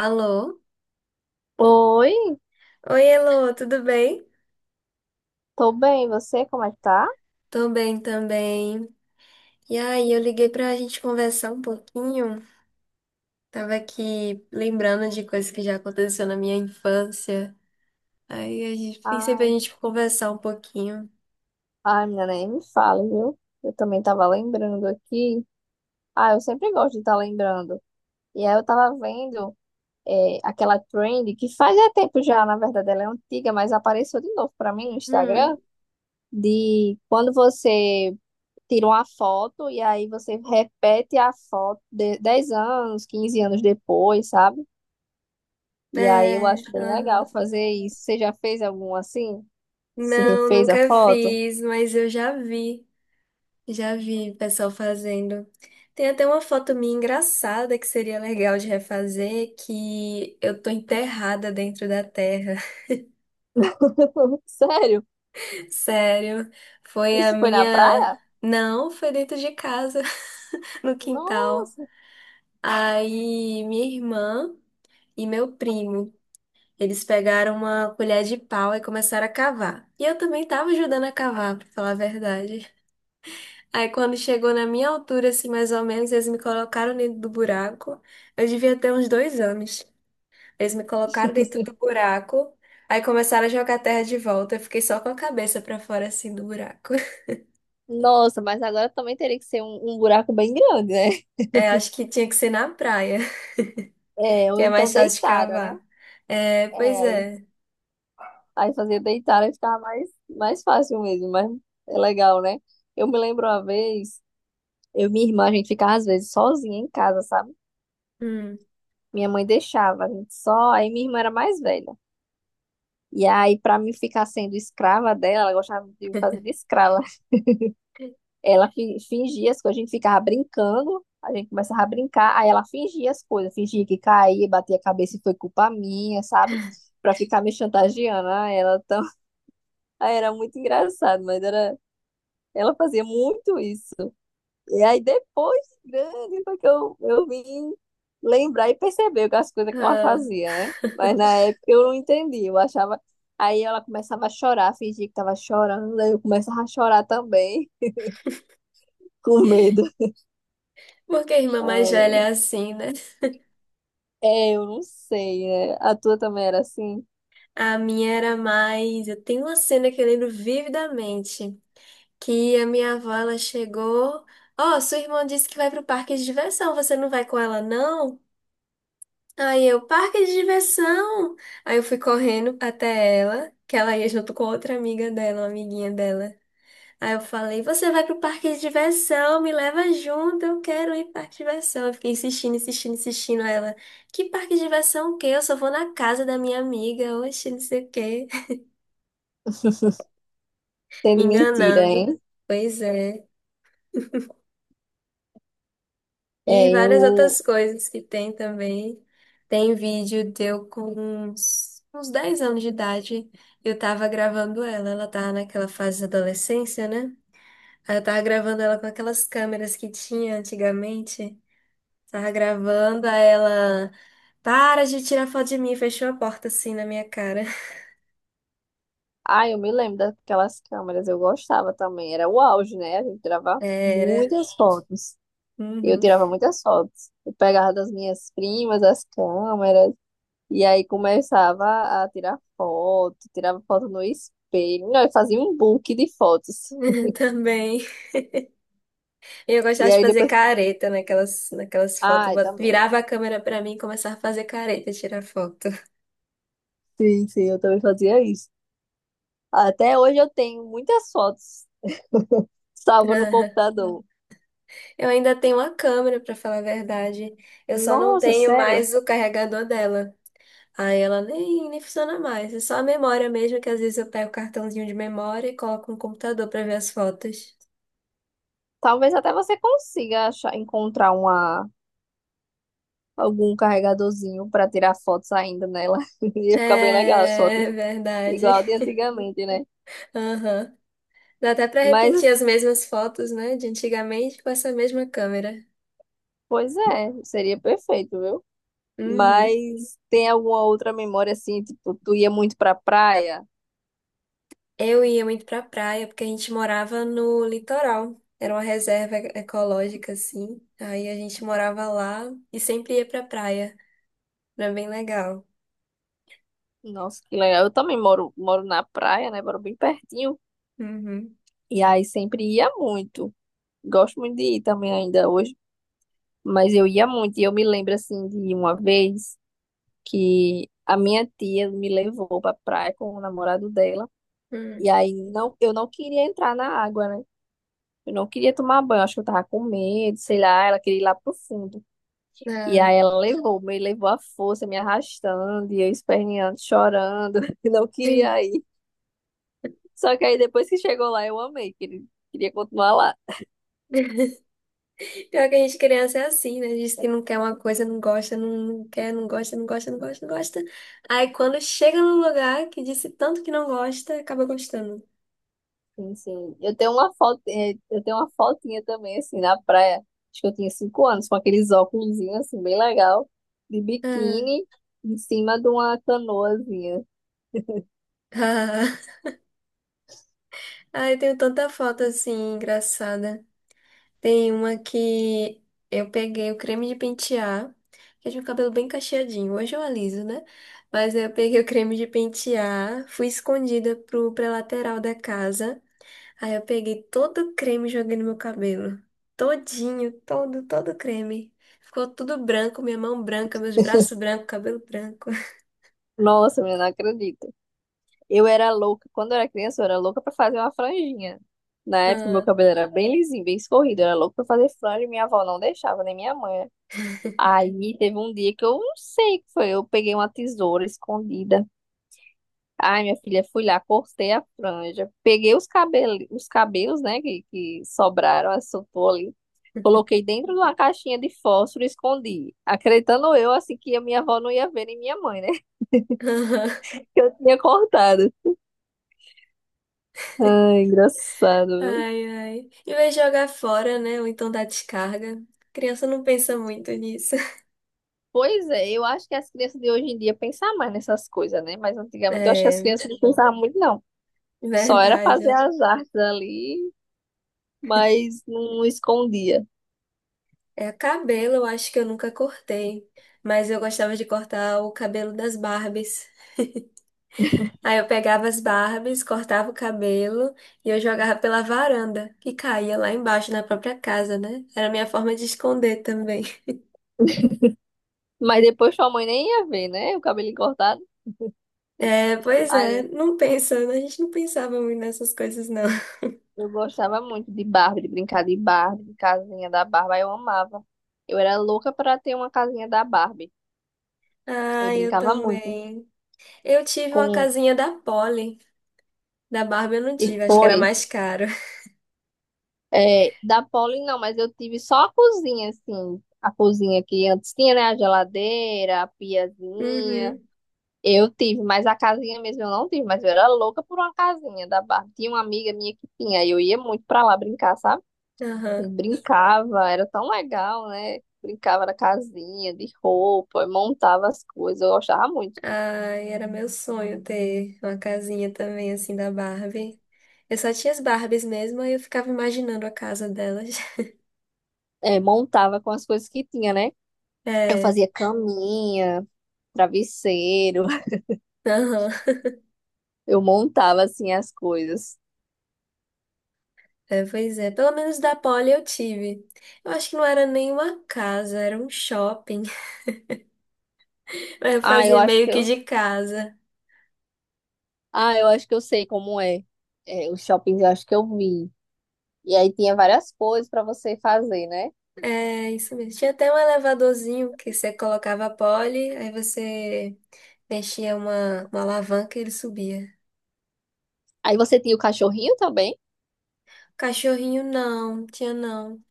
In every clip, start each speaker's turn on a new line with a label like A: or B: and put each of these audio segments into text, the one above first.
A: Alô?
B: Oi,
A: Oi, Elô, tudo bem?
B: tô bem, e você como é que tá?
A: Tô bem também. E aí, eu liguei pra gente conversar um pouquinho. Tava aqui lembrando de coisas que já aconteceu na minha infância. Aí a gente pensei pra
B: Ai,
A: gente conversar um pouquinho.
B: ai, menina, nem me fala, viu? Eu também tava lembrando aqui. Ah, eu sempre gosto de estar lembrando. E aí eu tava vendo aquela trend que faz é tempo já, na verdade, ela é antiga, mas apareceu de novo pra mim no Instagram,
A: Hum.
B: de quando você tira uma foto e aí você repete a foto de 10 anos, 15 anos depois, sabe? E aí eu
A: É,
B: acho bem
A: aham.
B: legal fazer isso. Você já fez algum assim? Você
A: Não,
B: refez a
A: nunca
B: foto?
A: fiz, mas eu já vi pessoal fazendo. Tem até uma foto minha engraçada que seria legal de refazer, que eu tô enterrada dentro da terra.
B: Sério?
A: Sério, foi a
B: Isso foi na
A: minha.
B: praia?
A: Não, foi dentro de casa, no quintal.
B: Nossa,
A: Aí minha irmã e meu primo, eles pegaram uma colher de pau e começaram a cavar. E eu também tava ajudando a cavar, pra falar a verdade. Aí quando chegou na minha altura, assim, mais ou menos, eles me colocaram dentro do buraco. Eu devia ter uns 2 anos. Eles me colocaram dentro do buraco. Aí começaram a jogar terra de volta. Eu fiquei só com a cabeça pra fora, assim, do buraco.
B: nossa, mas agora também teria que ser um buraco bem grande, né?
A: É, acho que tinha que ser na praia,
B: É,
A: que
B: ou
A: é
B: então
A: mais fácil de
B: deitada, né?
A: cavar. É, pois
B: É,
A: é.
B: aí fazer deitada ficava mais fácil mesmo, mas é legal, né? Eu me lembro uma vez, eu e minha irmã, a gente ficava às vezes sozinha em casa, sabe?
A: Hum.
B: Minha mãe deixava, a gente só, aí minha irmã era mais velha. E aí, pra mim ficar sendo escrava dela, ela gostava de me fazer de escrava. Ela fingia as coisas, a gente ficava brincando, a gente começava a brincar, aí ela fingia as coisas, fingia que caía, batia a cabeça e foi culpa minha, sabe? Pra ficar me chantageando. Ah, ela tão. Aí era muito engraçado, mas era. Ela fazia muito isso. E aí depois, de grande, foi que eu vim lembrar e perceber as coisas que ela
A: Ah,
B: fazia, né? Mas na época eu não entendi, eu achava. Aí ela começava a chorar, fingia que tava chorando, aí eu começava a chorar também, com medo.
A: Porque a irmã mais velha
B: Ai,
A: é assim, né?
B: é, eu não sei, né? A tua também era assim,
A: A minha era mais. Eu tenho uma cena que eu lembro vividamente, que a minha avó ela chegou. Ó, sua irmã disse que vai pro parque de diversão, você não vai com ela, não? Aí eu, parque de diversão! Aí eu fui correndo até ela, que ela ia junto com outra amiga dela, uma amiguinha dela. Aí eu falei, você vai pro parque de diversão, me leva junto, eu quero ir pro parque de diversão. Eu fiquei insistindo, insistindo, insistindo. Aí ela, que parque de diversão o quê? Eu só vou na casa da minha amiga, oxe, não sei o quê. Me
B: sendo mentira,
A: enganando.
B: hein?
A: Pois é. E
B: É,
A: várias outras
B: eu.
A: coisas que tem também. Tem vídeo deu com uns 10 anos de idade. Eu tava gravando ela, ela tava naquela fase da adolescência, né? Aí eu tava gravando ela com aquelas câmeras que tinha antigamente. Tava gravando, aí ela. Para de tirar foto de mim, fechou a porta assim na minha cara.
B: Ah, eu me lembro daquelas câmeras, eu gostava também. Era o auge, né? A gente tirava
A: Era.
B: muitas fotos. Eu
A: Uhum.
B: tirava muitas fotos. Eu pegava das minhas primas as câmeras, e aí começava a tirar foto, tirava foto no espelho. Não, eu fazia um book de fotos.
A: Também. E eu gostava
B: E
A: de
B: aí
A: fazer
B: depois.
A: careta naquelas fotos. Eu
B: Ah, eu
A: Bot-
B: também.
A: virava a câmera pra mim e começava a fazer careta, tirar foto.
B: Sim, sim, eu também fazia isso. Até hoje eu tenho muitas fotos. Salva no computador.
A: Eu ainda tenho uma câmera, pra falar a verdade. Eu só não
B: Nossa,
A: tenho
B: sério?
A: mais o carregador dela. Aí ela nem funciona mais. É só a memória mesmo, que às vezes eu pego o cartãozinho de memória e coloco no computador pra ver as fotos.
B: Talvez até você consiga achar, encontrar uma, algum carregadorzinho para tirar fotos ainda nela. Ia ficar bem legal as fotos,
A: É verdade.
B: igual de antigamente, né?
A: Aham. Dá até pra repetir
B: Mas,
A: as mesmas fotos, né, de antigamente com essa mesma câmera.
B: pois é, seria perfeito, viu?
A: Uhum.
B: Mas tem alguma outra memória assim, tipo, tu ia muito pra praia?
A: Eu ia muito pra praia porque a gente morava no litoral. Era uma reserva ecológica, assim. Aí a gente morava lá e sempre ia pra praia. Era bem legal.
B: Nossa, que legal. Eu também moro na praia, né? Moro bem pertinho.
A: Uhum.
B: E aí sempre ia muito. Gosto muito de ir também ainda hoje. Mas eu ia muito, e eu me lembro assim de uma vez que a minha tia me levou pra praia com o namorado dela, e
A: Hum.
B: aí não, eu não queria entrar na água, né? Eu não queria tomar banho, acho que eu tava com medo, sei lá, ela queria ir lá pro fundo. E
A: Ah.
B: aí ela levou, me levou à força, me arrastando, e eu esperneando, chorando, e não queria ir. Só que aí depois que chegou lá, eu amei, queria continuar lá.
A: Pior que a gente criança é assim, né? Diz que não quer uma coisa, não gosta, não quer, não gosta, não gosta, não gosta, não gosta. Aí quando chega num lugar que disse tanto que não gosta, acaba gostando.
B: Sim, sim. Eu tenho uma foto, eh, eu tenho uma fotinha também, assim, na praia. Acho que eu tinha 5 anos, com aqueles óculos, assim, bem legal, de
A: Ah,
B: biquíni, em cima de uma canoazinha.
A: ah. Ai, tenho tanta foto assim, engraçada. Tem uma que eu peguei o creme de pentear, que eu tinha o cabelo bem cacheadinho. Hoje eu aliso, né? Mas eu peguei o creme de pentear, fui escondida pra lateral da casa. Aí eu peguei todo o creme e joguei no meu cabelo. Todinho, todo creme. Ficou tudo branco, minha mão branca, meus braços brancos, cabelo branco.
B: Nossa, menina, não acredito. Eu era louca, quando eu era criança, eu era louca pra fazer uma franjinha. Na época, meu
A: Ah,
B: cabelo era bem lisinho, bem escorrido. Eu era louca pra fazer franja e minha avó não deixava, nem minha mãe. Aí teve um dia que eu não sei o que foi. Eu peguei uma tesoura escondida. Ai, minha filha, fui lá, cortei a franja, peguei os cabelos, né, que sobraram, assoprou ali, coloquei dentro de uma caixinha de fósforo e escondi, acreditando eu, assim, que a minha avó não ia ver, nem minha mãe, né, que eu tinha cortado. Ai, engraçado, viu?
A: ai, ai. Em vez de jogar fora, né? Ou então dar descarga. Criança não pensa muito nisso.
B: Pois é, eu acho que as crianças de hoje em dia pensam mais nessas coisas, né, mas antigamente eu acho que as
A: É,
B: crianças não pensavam muito, não. Só era fazer
A: verdade.
B: as artes ali, mas não escondia.
A: É, cabelo, eu acho que eu nunca cortei. Mas eu gostava de cortar o cabelo das Barbies. Aí eu pegava as Barbies, cortava o cabelo e eu jogava pela varanda, que caía lá embaixo na própria casa, né? Era a minha forma de esconder também.
B: Mas depois sua mãe nem ia ver, né, o cabelo cortado.
A: É, pois é,
B: Aí,
A: não pensa, né? A gente não pensava muito nessas coisas, não.
B: eu gostava muito de Barbie, de brincar de Barbie, de casinha da Barbie, eu amava. Eu era louca para ter uma casinha da Barbie. Eu
A: Ah, eu
B: brincava muito
A: também. Eu tive uma
B: com.
A: casinha da Polly. Da Barbie eu não
B: E
A: tive, acho que era
B: foi.
A: mais caro.
B: É, da Polly, não, mas eu tive só a cozinha, assim. A cozinha que antes tinha, né? A geladeira, a piazinha.
A: Uhum,
B: Eu tive, mas a casinha mesmo eu não tive, mas eu era louca por uma casinha da Barbie. Tinha uma amiga minha que tinha, e eu ia muito pra lá brincar, sabe? E
A: aham.
B: brincava, era tão legal, né? Brincava na casinha, de roupa, montava as coisas, eu gostava muito.
A: Ai, era meu sonho ter uma casinha também, assim, da Barbie. Eu só tinha as Barbies mesmo, aí eu ficava imaginando a casa delas.
B: É, montava com as coisas que tinha, né? Eu
A: É,
B: fazia caminha, travesseiro,
A: aham.
B: eu montava assim as coisas.
A: É, pois é. Pelo menos da Poli eu tive. Eu acho que não era nenhuma casa, era um shopping. Mas eu
B: Ah, eu
A: fazia
B: acho
A: meio
B: que
A: que
B: eu,
A: de casa.
B: ah, eu acho que eu sei como é. É, os shoppings eu acho que eu vi. E aí tinha várias coisas pra você fazer, né?
A: É, isso mesmo. Tinha até um elevadorzinho que você colocava a Poli, aí você mexia uma alavanca e ele subia.
B: Aí você tinha o cachorrinho também.
A: Cachorrinho não, tinha não.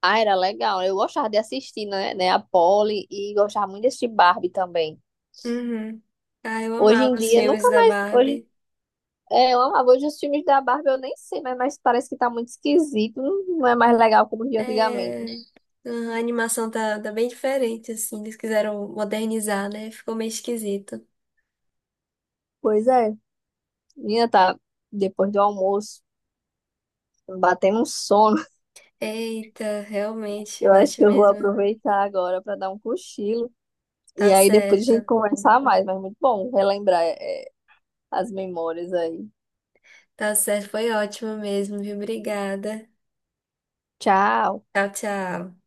B: Ah, era legal. Eu gostava de assistir, né, a Polly e gostava muito desse Barbie também.
A: Uhum. Ah, eu
B: Hoje em
A: amava os
B: dia,
A: filmes
B: nunca
A: da
B: mais. Hoje,
A: Barbie.
B: eu amava. Hoje os filmes da Barbie eu nem sei, mas parece que tá muito esquisito. Não, não é mais legal como de antigamente.
A: É, a animação tá bem diferente, assim. Eles quiseram modernizar, né? Ficou meio esquisito.
B: Pois é, minha tá depois do almoço, batendo um sono.
A: Eita, realmente,
B: Eu acho
A: bate
B: que eu vou
A: mesmo.
B: aproveitar agora para dar um cochilo.
A: Tá
B: E aí depois a gente
A: certo.
B: conversar mais, mas muito bom relembrar as memórias aí.
A: Tá certo, foi ótimo mesmo, viu? Obrigada.
B: Tchau.
A: Tchau, tchau.